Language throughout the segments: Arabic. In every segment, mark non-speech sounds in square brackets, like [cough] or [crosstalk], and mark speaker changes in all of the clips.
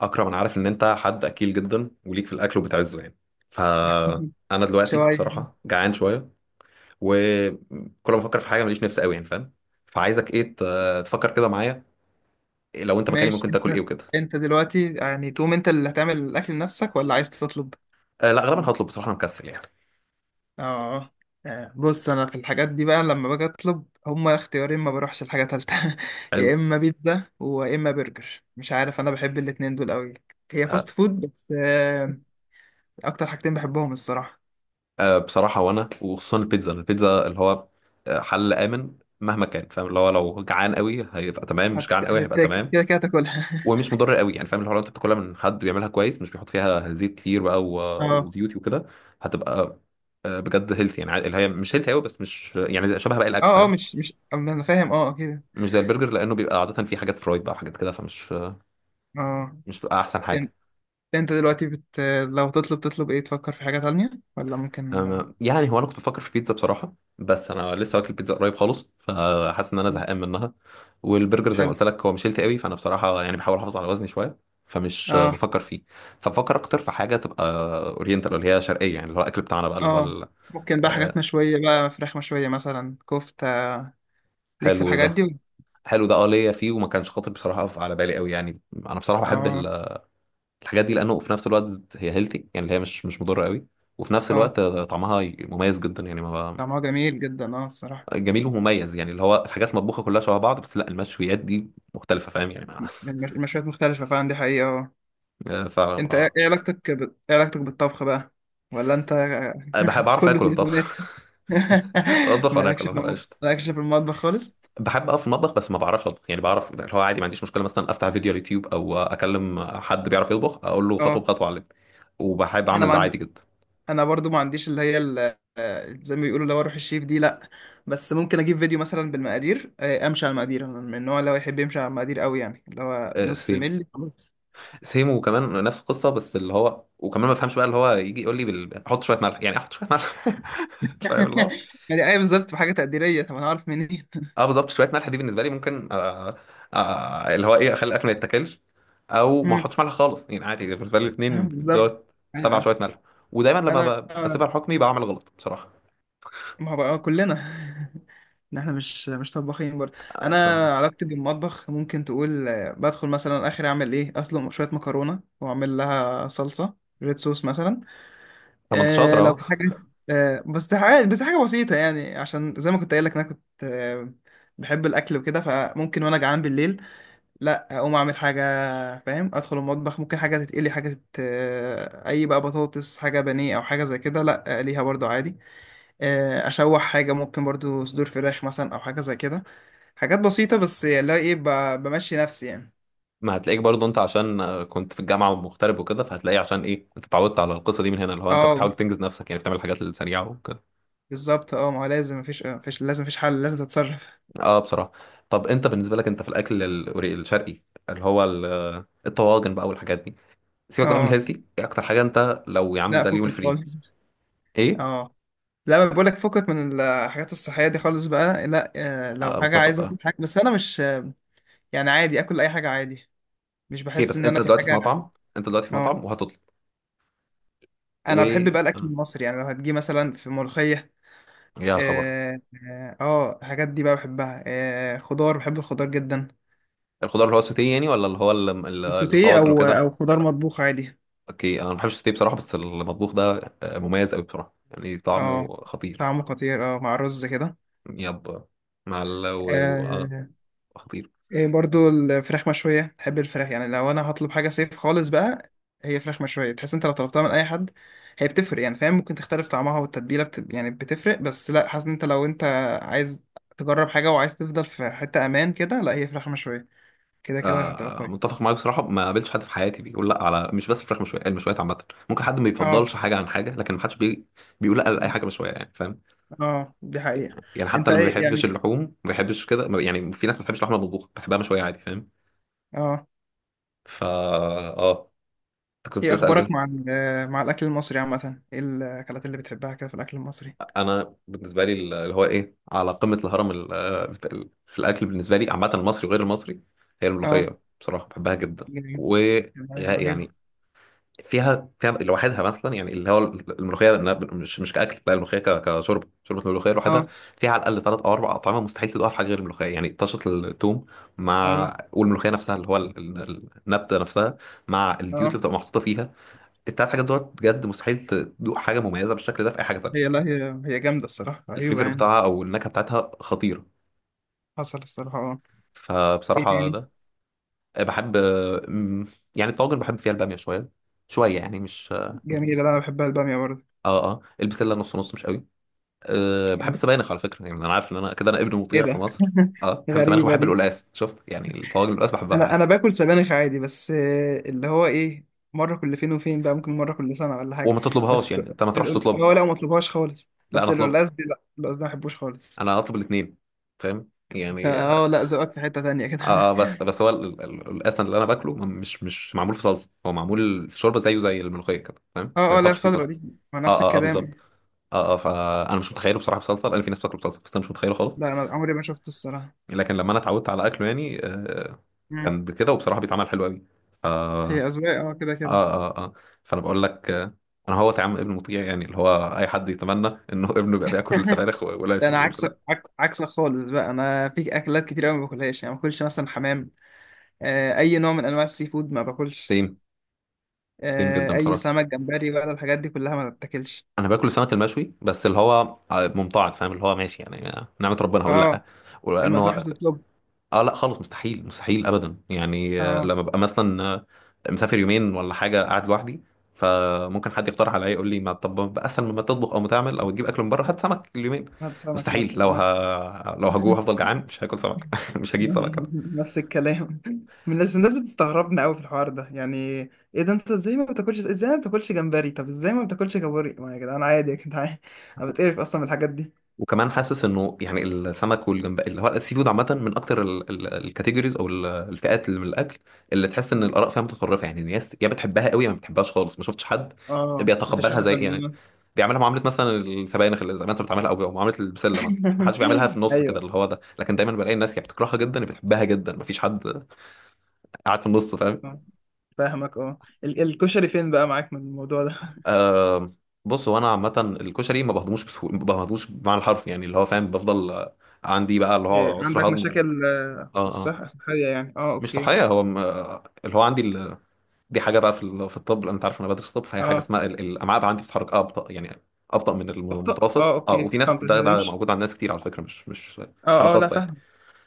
Speaker 1: اكرم، انا عارف ان انت حد اكيل جدا وليك في الاكل وبتعزه يعني. فانا دلوقتي
Speaker 2: شوية.
Speaker 1: بصراحه جعان شويه، وكل ما افكر في حاجه ماليش نفس قوي، يعني فاهم؟ فعايزك ايه، تفكر كده معايا. إيه لو انت مكاني
Speaker 2: ماشي.
Speaker 1: ممكن تاكل ايه
Speaker 2: انت
Speaker 1: وكده؟
Speaker 2: انت دلوقتي يعني تقوم، انت اللي هتعمل الاكل لنفسك ولا عايز تطلب؟
Speaker 1: أه لا، غالبا هطلب بصراحه، انا مكسل يعني.
Speaker 2: اه. بص، انا في الحاجات دي بقى لما باجي اطلب هما اختيارين، ما بروحش لحاجه تالتة. [laughs]
Speaker 1: حلو.
Speaker 2: يا اما بيتزا ويا اما برجر، مش عارف، انا بحب الاتنين دول قوي. هي
Speaker 1: أه.
Speaker 2: فاست فود بس. اكتر حاجتين بحبهم الصراحه.
Speaker 1: بصراحه وانا وخصوصا البيتزا اللي هو حل امن مهما كان، فاهم؟ اللي هو لو جعان قوي هيبقى تمام، مش جعان قوي هيبقى
Speaker 2: هتاكل
Speaker 1: تمام.
Speaker 2: كده كده هتاكلها.
Speaker 1: ومش مضر قوي، يعني فاهم الحوار، انت بتاكلها من حد بيعملها كويس، مش بيحط فيها زيت كتير بقى
Speaker 2: [laughs]
Speaker 1: و-
Speaker 2: اه،
Speaker 1: وزيوت وكده. هتبقى بجد هيلثي، يعني اللي هي مش هيلثي قوي، بس مش يعني شبه باقي الاكل
Speaker 2: اه، اه
Speaker 1: فاهم.
Speaker 2: مش مش انا فاهم، اه كده.
Speaker 1: مش زي البرجر، لانه بيبقى عاده فيه حاجات فرايد بقى وحاجات كده، فمش
Speaker 2: اه.
Speaker 1: مش بتبقى احسن حاجه.
Speaker 2: انت دلوقتي بت... لو تطلب ايه؟ تفكر في حاجة تانية ولا ممكن؟
Speaker 1: يعني هو انا كنت بفكر في بيتزا بصراحه، بس انا لسه واكل بيتزا قريب خالص، فحاسس ان انا زهقان منها. والبرجر زي ما
Speaker 2: حلو.
Speaker 1: قلت لك هو مش هيلثي قوي، فانا بصراحه يعني بحاول احافظ على وزني شويه. فمش
Speaker 2: اه،
Speaker 1: بفكر فيه. فبفكر اكتر في حاجه تبقى اورينتال، اللي هي شرقيه، يعني اللي هو الاكل بتاعنا بقى اللي
Speaker 2: اه،
Speaker 1: هو
Speaker 2: ممكن بقى حاجات
Speaker 1: آه،
Speaker 2: مشوية بقى، فراخ مشوية مثلا، كفتة. ليك في
Speaker 1: حلو
Speaker 2: الحاجات
Speaker 1: ده.
Speaker 2: دي؟
Speaker 1: حلو ده، اه ليا فيه، وما كانش خاطر بصراحه اقف على بالي قوي، يعني انا بصراحه بحب
Speaker 2: اه،
Speaker 1: الحاجات دي، لانه في نفس الوقت هي هيلثي، يعني اللي هي مش مضره قوي. وفي نفس
Speaker 2: اه،
Speaker 1: الوقت طعمها مميز جدا يعني، ما
Speaker 2: طعمها جميل جدا اه الصراحة.
Speaker 1: جميل ومميز، يعني اللي هو الحاجات المطبوخه كلها شبه بعض، بس لا، المشويات دي مختلفه، فاهم يعني؟ [laughs]
Speaker 2: المشويات مختلفة فعلا، دي حقيقة، اه.
Speaker 1: فعلا،
Speaker 2: انت ايه،
Speaker 1: اه.
Speaker 2: علاقتك ب... ايه علاقتك بالطبخ بقى؟ ولا انت
Speaker 1: بحب
Speaker 2: [laughs]
Speaker 1: اعرف
Speaker 2: كله
Speaker 1: اكل طبعا.
Speaker 2: تليفونات؟
Speaker 1: [laughs]
Speaker 2: [laughs]
Speaker 1: اطبخ وانا اكل، انا بقى قشطه.
Speaker 2: مالكش في المطبخ خالص؟
Speaker 1: بحب اقف في المطبخ بس ما بعرفش اطبخ، يعني بعرف اللي هو عادي، ما عنديش مشكله، مثلا افتح فيديو على اليوتيوب او اكلم حد بيعرف يطبخ اقول له خطوه
Speaker 2: اه.
Speaker 1: بخطوه علمني، وبحب
Speaker 2: انا
Speaker 1: اعمل
Speaker 2: ما
Speaker 1: ده عادي
Speaker 2: عندي،
Speaker 1: جدا.
Speaker 2: انا برضو ما عنديش اللي هي زي ما بيقولوا لو اروح الشيف دي، لا. بس ممكن اجيب فيديو مثلا بالمقادير، امشي على المقادير. أنا من النوع اللي هو يحب يمشي على المقادير قوي، يعني اللي هو
Speaker 1: آه،
Speaker 2: نص
Speaker 1: سيم.
Speaker 2: ملي خلاص.
Speaker 1: سيم، وكمان نفس القصه، بس اللي هو وكمان ما بفهمش بقى، اللي هو يجي يقول لي حط شويه ملح، يعني احط شويه ملح. [laughs] فاهم اللي
Speaker 2: [laughs]
Speaker 1: هو.
Speaker 2: يعني ايه بالظبط؟ بحاجه تقديريه؟ طب انا عارف منين؟ [laughs]
Speaker 1: اه بالظبط، شويه ملح دي بالنسبه لي ممكن آه اللي هو ايه اخلي الاكل ما يتاكلش، او ما
Speaker 2: مم.
Speaker 1: احطش ملح خالص، يعني عادي بالنسبه لي الاثنين
Speaker 2: بالظبط.
Speaker 1: دوت.
Speaker 2: ايوه،
Speaker 1: تبع
Speaker 2: أيوة.
Speaker 1: شويه ملح. ودايما لما
Speaker 2: انا،
Speaker 1: بسيبها لحكمي بعمل غلط بصراحه.
Speaker 2: ما هو بقى كلنا [laughs] ان احنا مش طباخين برضه. انا
Speaker 1: بصراحه.
Speaker 2: علاقتي بالمطبخ ممكن تقول بدخل مثلا اخر اعمل ايه اصلا شويه مكرونه واعمل لها صلصه، ريد صوص مثلا.
Speaker 1: طب انت شاطر
Speaker 2: لو
Speaker 1: اهو.
Speaker 2: في حاجة، بس حاجة بسيطة يعني، عشان زي ما كنت قايل لك أنا كنت بحب الأكل وكده، فممكن وأنا جعان بالليل لأ أقوم أعمل حاجة. فاهم؟ أدخل المطبخ، ممكن حاجة تتقلي، حاجة تت... آه، أي بقى، بطاطس، حاجة بانيه أو حاجة زي كده لأ ليها برضو عادي. أشوح حاجة، ممكن برضو صدور فراخ مثلا أو حاجة زي كده. حاجات بسيطة بس اللي هو إيه، بمشي نفسي يعني.
Speaker 1: ما هتلاقيك برضه انت، عشان كنت في الجامعه ومغترب وكده، فهتلاقيه، عشان ايه انت اتعودت على القصه دي من هنا، اللي هو انت بتحاول
Speaker 2: أه
Speaker 1: تنجز نفسك، يعني بتعمل الحاجات السريعه وكده.
Speaker 2: بالظبط. أه ما هو لازم، مفيش لازم، مفيش حل، لازم تتصرف.
Speaker 1: اه بصراحه. طب انت بالنسبه لك انت في الاكل الشرقي، اللي هو الطواجن بقى والحاجات دي، سيبك بقى من
Speaker 2: أه
Speaker 1: الهيلثي، ايه اكتر حاجه انت لو يا عم
Speaker 2: لأ،
Speaker 1: ده اليوم
Speaker 2: فكك
Speaker 1: الفري؟
Speaker 2: خالص.
Speaker 1: ايه؟
Speaker 2: اه لا، ما بقولك فكك من الحاجات الصحية دي خالص بقى، لا. لو
Speaker 1: آه
Speaker 2: حاجة
Speaker 1: متفق،
Speaker 2: عايزة اكل
Speaker 1: اه
Speaker 2: حاجة، بس انا مش يعني، عادي اكل اي حاجة عادي، مش
Speaker 1: اوكي.
Speaker 2: بحس
Speaker 1: بس
Speaker 2: ان انا
Speaker 1: انت
Speaker 2: في
Speaker 1: دلوقتي في
Speaker 2: حاجة.
Speaker 1: مطعم. انت دلوقتي في
Speaker 2: اه.
Speaker 1: مطعم وهتطلب. و
Speaker 2: انا بحب بقى الاكل
Speaker 1: آه.
Speaker 2: المصري، يعني لو هتجي مثلا في ملوخية.
Speaker 1: يا خبر.
Speaker 2: اه، اه، الحاجات دي بقى بحبها، آه، خضار، بحب الخضار جدا.
Speaker 1: الخضار اللي هو السوتيه يعني، ولا اللي هو ال- ال-
Speaker 2: سوتيه
Speaker 1: الطواجن
Speaker 2: او
Speaker 1: وكده؟
Speaker 2: خضار مطبوخ عادي.
Speaker 1: اوكي، انا ما بحبش الستيك بصراحه، بس المطبوخ ده مميز قوي بصراحه، يعني طعمه
Speaker 2: اه
Speaker 1: خطير.
Speaker 2: طعمه خطير، اه مع رز كده.
Speaker 1: يب. مع و... آه
Speaker 2: آه.
Speaker 1: خطير.
Speaker 2: إيه برضو الفراخ مشوية، تحب الفراخ؟ يعني لو أنا هطلب حاجة صيف خالص بقى، هي فراخ مشوية. تحس أنت لو طلبتها من أي حد هي بتفرق، يعني فاهم ممكن تختلف طعمها يعني بتفرق، بس لا حاسس إن أنت، لو عايز تجرب حاجة وعايز تفضل في حتة أمان كده، لا، هي فراخ مشوية، كده كده هتبقى كويس.
Speaker 1: متفق معاك بصراحه، ما قابلتش حد في حياتي بيقول لا، على مش بس الفراخ مشويه، المشويات عامه. ممكن حد ما
Speaker 2: اه،
Speaker 1: بيفضلش حاجه عن حاجه، لكن ما حدش بيقول لا لاي حاجه مشويه يعني، فاهم؟
Speaker 2: اه، دي حقيقة.
Speaker 1: يعني حتى
Speaker 2: أنت
Speaker 1: اللي ما
Speaker 2: إيه
Speaker 1: بيحبش
Speaker 2: يعني؟
Speaker 1: اللحوم، ما بيحبش كده، يعني في ناس ما بتحبش اللحمه المطبوخه بتحبها مشويه عادي، فاهم؟
Speaker 2: اه.
Speaker 1: فا اه، انت كنت بتسال
Speaker 2: أخبارك مع
Speaker 1: ايه؟
Speaker 2: مع الأكل المصري عامة؟ إيه الأكلات اللي بتحبها كده في الأكل المصري؟
Speaker 1: انا بالنسبه لي اللي هو ايه على قمه الهرم في الاكل بالنسبه لي عامه، المصري وغير المصري، هي
Speaker 2: اه
Speaker 1: الملوخيه، بصراحه بحبها جدا.
Speaker 2: جميل.
Speaker 1: و
Speaker 2: رهيبة.
Speaker 1: يعني فيها لوحدها مثلا، يعني اللي هو الملوخيه إنها مش كاكل، لا الملوحيه كشرب شوربه، الملوخيه لوحدها
Speaker 2: اه،
Speaker 1: فيها على الاقل ثلاث او اربع اطعمه، مستحيل تدوقها في حاجه غير الملوخيه، يعني طشه الثوم مع
Speaker 2: أيوه،
Speaker 1: والملوخيه نفسها، اللي هو النبته نفسها، مع الزيوت اللي
Speaker 2: اه.
Speaker 1: بتبقى محطوطه فيها. التلات حاجات دول بجد مستحيل تدوق حاجه مميزه بالشكل ده في اي حاجه
Speaker 2: هي
Speaker 1: تانيه.
Speaker 2: لا هي جامدة الصراحة، رهيبة
Speaker 1: الفليفر بتاعها
Speaker 2: يعني.
Speaker 1: او النكهه بتاعتها خطيره.
Speaker 2: حصل الصراحة، اه. ايه
Speaker 1: فبصراحه
Speaker 2: تاني؟
Speaker 1: ده بحب يعني الطواجن بحب فيها الباميه شويه، شويه يعني مش اه.
Speaker 2: جميلة، لا أنا بحبها البامية برضه.
Speaker 1: اه البسله نص نص مش قوي. أه بحب
Speaker 2: يعني
Speaker 1: السبانخ على فكره، يعني انا عارف ان انا كده انا ابن
Speaker 2: ايه
Speaker 1: مطيع في
Speaker 2: ده؟
Speaker 1: مصر.
Speaker 2: [laughs]
Speaker 1: اه بحب السبانخ
Speaker 2: غريبة
Speaker 1: وبحب
Speaker 2: دي.
Speaker 1: القلقاس، شفت يعني، الطواجن القلقاس بحبها
Speaker 2: انا
Speaker 1: عادي.
Speaker 2: باكل سبانخ عادي، بس اللي هو ايه، مرة كل فين وفين بقى، ممكن مرة كل سنة ولا حاجة.
Speaker 1: وما تطلبهاش
Speaker 2: بس
Speaker 1: يعني، انت ما تروحش تطلبها؟
Speaker 2: اه لا، ما اطلبهاش خالص،
Speaker 1: لا انا
Speaker 2: بس
Speaker 1: اطلبها.
Speaker 2: القلقاس دي، لا، القلقاس ده ما بحبوش خالص.
Speaker 1: انا اطلب الاثنين. فاهم
Speaker 2: انت
Speaker 1: يعني،
Speaker 2: اه،
Speaker 1: اه.
Speaker 2: لا ذوقك في حتة تانية كده. [laughs]
Speaker 1: بس هو القلقاس اللي انا باكله مش معمول في صلصه، هو معمول في شوربه، زيه زي الملوخيه كده، فاهم؟ ما
Speaker 2: اه، اه، لا
Speaker 1: بيتحطش فيه
Speaker 2: الخضرة
Speaker 1: صلصه.
Speaker 2: دي ما نفس
Speaker 1: اه اه اه بالظبط.
Speaker 2: الكلام.
Speaker 1: اه اه فانا مش متخيله بصراحه بصلصه، لان في ناس بتاكله بصلصه بس انا مش متخيله خالص.
Speaker 2: لا انا عمري ما شفته الصراحة.
Speaker 1: لكن لما انا اتعودت على اكله يعني
Speaker 2: مم.
Speaker 1: كان كده، وبصراحه بيتعمل حلو قوي. اه
Speaker 2: هي أذواق اه، كده كده.
Speaker 1: اه. اه اه. فانا بقول لك انا هو طعم ابن مطيع، يعني اللي هو اي حد يتمنى انه [laughs] ابنه يبقى بياكل
Speaker 2: [laughs]
Speaker 1: سبانخ، ولا
Speaker 2: ده
Speaker 1: اسمه ما
Speaker 2: انا
Speaker 1: بيقولش
Speaker 2: عكسك،
Speaker 1: لا.
Speaker 2: عكسك خالص بقى. انا في اكلات كتير قوي ما باكلهاش، يعني ما باكلش مثلا حمام. اي نوع من انواع السي فود ما باكلش.
Speaker 1: سيم. سيم جدا
Speaker 2: اي
Speaker 1: بصراحه.
Speaker 2: سمك، جمبري بقى، الحاجات دي كلها ما تتاكلش.
Speaker 1: انا باكل السمك المشوي، بس اللي هو ممتعض، فاهم؟ اللي هو ماشي يعني، نعمه ربنا، هقول لا.
Speaker 2: اه. لما تروح
Speaker 1: ولانه
Speaker 2: تطلب،
Speaker 1: اه لا خالص، مستحيل مستحيل ابدا، يعني
Speaker 2: اه،
Speaker 1: لما ابقى مثلا مسافر يومين ولا حاجه، قاعد لوحدي، فممكن حد يقترح عليا يقول لي، ما طب ما بقى اسهل، مما تطبخ او ما تعمل او تجيب اكل من بره، هات سمك اليومين.
Speaker 2: هات سمك
Speaker 1: مستحيل،
Speaker 2: مثلا.
Speaker 1: لو
Speaker 2: [laughs]
Speaker 1: لو هجوع هفضل
Speaker 2: آه.
Speaker 1: جعان، مش هاكل سمك. [laughs] مش هجيب سمك.
Speaker 2: نفس الكلام. من الناس بتستغربنا قوي في الحوار ده يعني. ايه ده، انت ازاي ما بتاكلش؟ ازاي ما بتاكلش جمبري؟ طب ازاي ما بتاكلش كابوري؟ ما يا جدعان عادي، يا جدعان. [laughs] انا بتقرف اصلا من الحاجات دي.
Speaker 1: وكمان حاسس انه يعني السمك والجمبري اللي هو السي فود عامه، من اكتر الكاتيجوريز، او الفئات اللي من الاكل، اللي تحس ان الاراء فيها متطرفه، يعني الناس يا بتحبها قوي يا ما بتحبهاش خالص، ما شفتش حد
Speaker 2: اه مفيش
Speaker 1: بيتقبلها
Speaker 2: حد
Speaker 1: زي،
Speaker 2: في
Speaker 1: يعني
Speaker 2: النص.
Speaker 1: بيعملها معامله مثلا السبانخ، اللي زي ما انت بتعملها، او معامله البسله مثلا، ما حدش بيعملها في
Speaker 2: [laughs]
Speaker 1: النص كده،
Speaker 2: ايوه.
Speaker 1: اللي هو ده، لكن دايما بلاقي الناس يا بتكرهها جدا يا بتحبها جدا، ما فيش حد قاعد في النص، فاهم؟
Speaker 2: آه، فاهمك. اه الكشري فين بقى معاك من الموضوع ده؟
Speaker 1: آه، بص هو انا عامه، الكشري ما بهضموش بسهوله، ما بهضموش بمعنى الحرف، يعني اللي هو فاهم، بفضل عندي بقى اللي
Speaker 2: [laughs] إيه،
Speaker 1: هو عسر
Speaker 2: عندك
Speaker 1: هضم
Speaker 2: مشاكل
Speaker 1: اه
Speaker 2: في
Speaker 1: آه.
Speaker 2: الصحة الصحية يعني؟ اه
Speaker 1: مش
Speaker 2: اوكي.
Speaker 1: طحالية، هو اللي هو عندي دي حاجة بقى في الطب، لأن أنت عارف أنا بدرس طب، فهي حاجة
Speaker 2: اه
Speaker 1: اسمها الأمعاء بقى عندي بتتحرك أبطأ، يعني أبطأ من
Speaker 2: اخطأ، اه
Speaker 1: المتوسط، أه
Speaker 2: اوكي
Speaker 1: وفي ناس
Speaker 2: فهمت،
Speaker 1: ده
Speaker 2: تمشي.
Speaker 1: موجود عند ناس كتير على فكرة، مش حالة
Speaker 2: اه، اه، لا
Speaker 1: خاصة يعني.
Speaker 2: فاهم.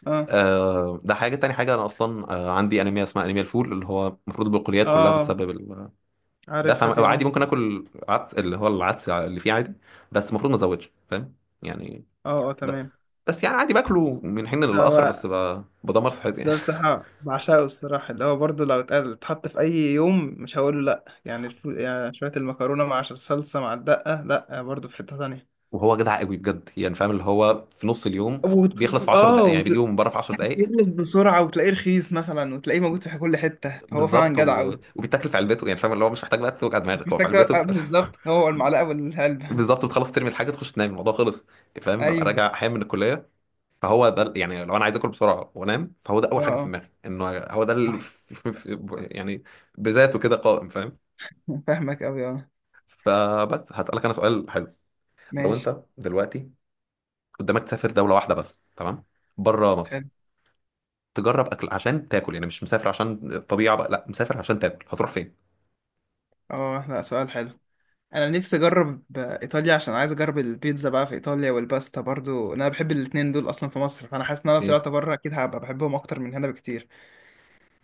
Speaker 2: اه،
Speaker 1: آه ده حاجة تاني، حاجة أنا أصلا عندي أنيميا، اسمها أنيميا الفول، اللي هو المفروض البقوليات كلها
Speaker 2: اه،
Speaker 1: بتسبب ده،
Speaker 2: عارفها دي،
Speaker 1: فعادي
Speaker 2: اه.
Speaker 1: ممكن آكل عدس، اللي هو العدس اللي فيه عادي، بس المفروض ما أزودش، فاهم؟ يعني
Speaker 2: اه، اه،
Speaker 1: ده،
Speaker 2: تمام.
Speaker 1: بس يعني عادي باكله من حين للآخر، بس
Speaker 2: هو
Speaker 1: بدمر صحتي يعني.
Speaker 2: ده الصراحة بعشقه الصراحة، اللي هو برضه لو اتحط في أي يوم مش هقول له لأ يعني, يعني شوية المكرونة مع صلصة مع الدقة، لأ برضه في حتة تانية.
Speaker 1: وهو جدع قوي بجد، يعني فاهم اللي هو في نص اليوم بيخلص في 10 دقائق، يعني
Speaker 2: اه.
Speaker 1: بيجيبه من بره في 10 دقائق.
Speaker 2: يخلص بسرعة وتلاقيه رخيص مثلا، وتلاقيه موجود في كل حتة، فهو فعلا
Speaker 1: بالظبط،
Speaker 2: جدع أوي.
Speaker 1: وبيتاكل في علبته، يعني فاهم اللي هو مش محتاج بقى توجع
Speaker 2: مش
Speaker 1: دماغك، هو في
Speaker 2: محتاج
Speaker 1: علبته
Speaker 2: بالظبط، هو المعلقة
Speaker 1: [laughs]
Speaker 2: والعلبة.
Speaker 1: بالظبط، بتخلص ترمي الحاجه تخش تنام الموضوع خلص. يعني
Speaker 2: [laughs]
Speaker 1: فاهم، ببقى
Speaker 2: أيوه،
Speaker 1: راجع احيانا من الكليه، فهو ده يعني لو انا عايز اكل بسرعه وانام، فهو ده
Speaker 2: اه،
Speaker 1: اول حاجه في
Speaker 2: اه
Speaker 1: دماغي انه هو ده
Speaker 2: صح.
Speaker 1: [laughs] يعني بذاته كده قائم، فاهم؟
Speaker 2: [laughs] فاهمك أوي، اه.
Speaker 1: فبس هسألك انا سؤال حلو. لو
Speaker 2: ماشي.
Speaker 1: انت دلوقتي قدامك تسافر دوله واحده بس، تمام؟ بره مصر،
Speaker 2: حلو.
Speaker 1: تجرب اكل عشان تاكل، يعني مش مسافر عشان الطبيعه بقى، لا مسافر عشان تاكل، هتروح فين؟
Speaker 2: اه لا، سؤال حلو. أنا نفسي أجرب إيطاليا، عشان عايز أجرب البيتزا بقى في إيطاليا، والباستا برضو، أنا بحب الاتنين دول أصلا في مصر، فأنا حاسس إن أنا لو
Speaker 1: اوكي.
Speaker 2: طلعت بره أكيد هبقى بحبهم أكتر من هنا بكتير.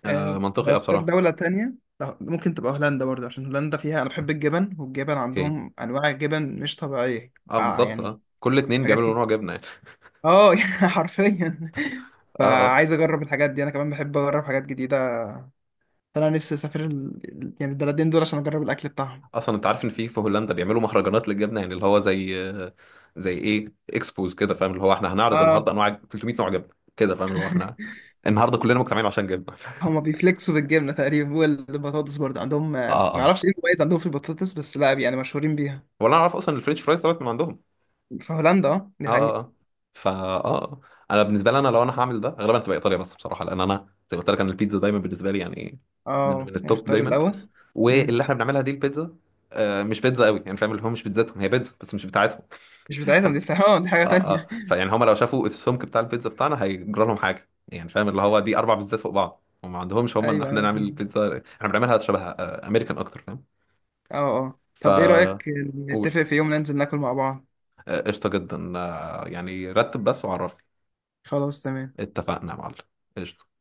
Speaker 1: آه منطقي،
Speaker 2: لو
Speaker 1: اه
Speaker 2: اختار
Speaker 1: بصراحه.
Speaker 2: دولة تانية، لا، ممكن تبقى هولندا برضه، عشان هولندا فيها، أنا بحب الجبن، والجبن
Speaker 1: اوكي
Speaker 2: عندهم أنواع جبن مش طبيعية.
Speaker 1: اه
Speaker 2: آه
Speaker 1: بالظبط،
Speaker 2: يعني،
Speaker 1: اه كل اتنين
Speaker 2: حاجات
Speaker 1: بيعملوا
Speaker 2: كتير.
Speaker 1: نوع جبنه يعني.
Speaker 2: اه [laughs] يعني حرفيا.
Speaker 1: [laughs] اه اه.
Speaker 2: فعايز اجرب الحاجات دي، انا كمان بحب اجرب حاجات جديده. فانا نفسي اسافر ال... يعني البلدين دول، عشان اجرب الاكل بتاعهم.
Speaker 1: اصلا انت عارف ان في هولندا بيعملوا مهرجانات للجبنه، يعني اللي هو زي زي ايه، اكسبوز كده، فاهم؟ اللي هو احنا هنعرض
Speaker 2: اه،
Speaker 1: النهارده انواع 300 نوع جبنه كده، فاهم؟ اللي هو احنا النهارده كلنا مجتمعين عشان جبنه. [laughs]
Speaker 2: هما بيفلكسوا بالجبنه تقريبا، والبطاطس برضه عندهم، ما
Speaker 1: اه اه.
Speaker 2: اعرفش ايه المميز عندهم في البطاطس بس، لا يعني مشهورين بيها.
Speaker 1: ولا انا اعرف اصلا الفرنش فرايز طلعت من عندهم.
Speaker 2: في هولندا، اه
Speaker 1: اه.
Speaker 2: دي
Speaker 1: اه
Speaker 2: حقيقه.
Speaker 1: اه. فا اه آه. انا بالنسبه لي، انا لو انا هعمل ده غالبا هتبقى ايطاليا بس بصراحه، لان انا زي ما قلت لك انا البيتزا دايما بالنسبه لي يعني من
Speaker 2: اه،
Speaker 1: من
Speaker 2: يعني
Speaker 1: التوب
Speaker 2: اختار
Speaker 1: دايما،
Speaker 2: الاول. مم.
Speaker 1: واللي احنا بنعملها دي البيتزا مش بيتزا قوي يعني، فاهم؟ اللي هو مش بيتزاتهم، هي بيتزا بس مش بتاعتهم.
Speaker 2: مش
Speaker 1: [laughs]
Speaker 2: بتاعتهم، دي
Speaker 1: فانا
Speaker 2: بتاعتهم، اه دي حاجه
Speaker 1: اه،
Speaker 2: تانية.
Speaker 1: اه فيعني هم لو شافوا السمك بتاع البيتزا بتاعنا هيجرى لهم حاجه، يعني فاهم اللي هو دي اربع بيتزات فوق بعض، هم ما عندهمش،
Speaker 2: [laughs]
Speaker 1: هم ان
Speaker 2: ايوه،
Speaker 1: احنا
Speaker 2: ايوه،
Speaker 1: نعمل
Speaker 2: فاهم.
Speaker 1: البيتزا احنا بنعملها شبه امريكان اكتر، فاهم؟
Speaker 2: اه، اه
Speaker 1: ف
Speaker 2: طب ايه رايك
Speaker 1: قول،
Speaker 2: نتفق في يوم ننزل ناكل مع بعض؟
Speaker 1: قشطه جدا، يعني رتب بس وعرفني.
Speaker 2: خلاص تمام.
Speaker 1: اتفقنا يا معلم. قشطة.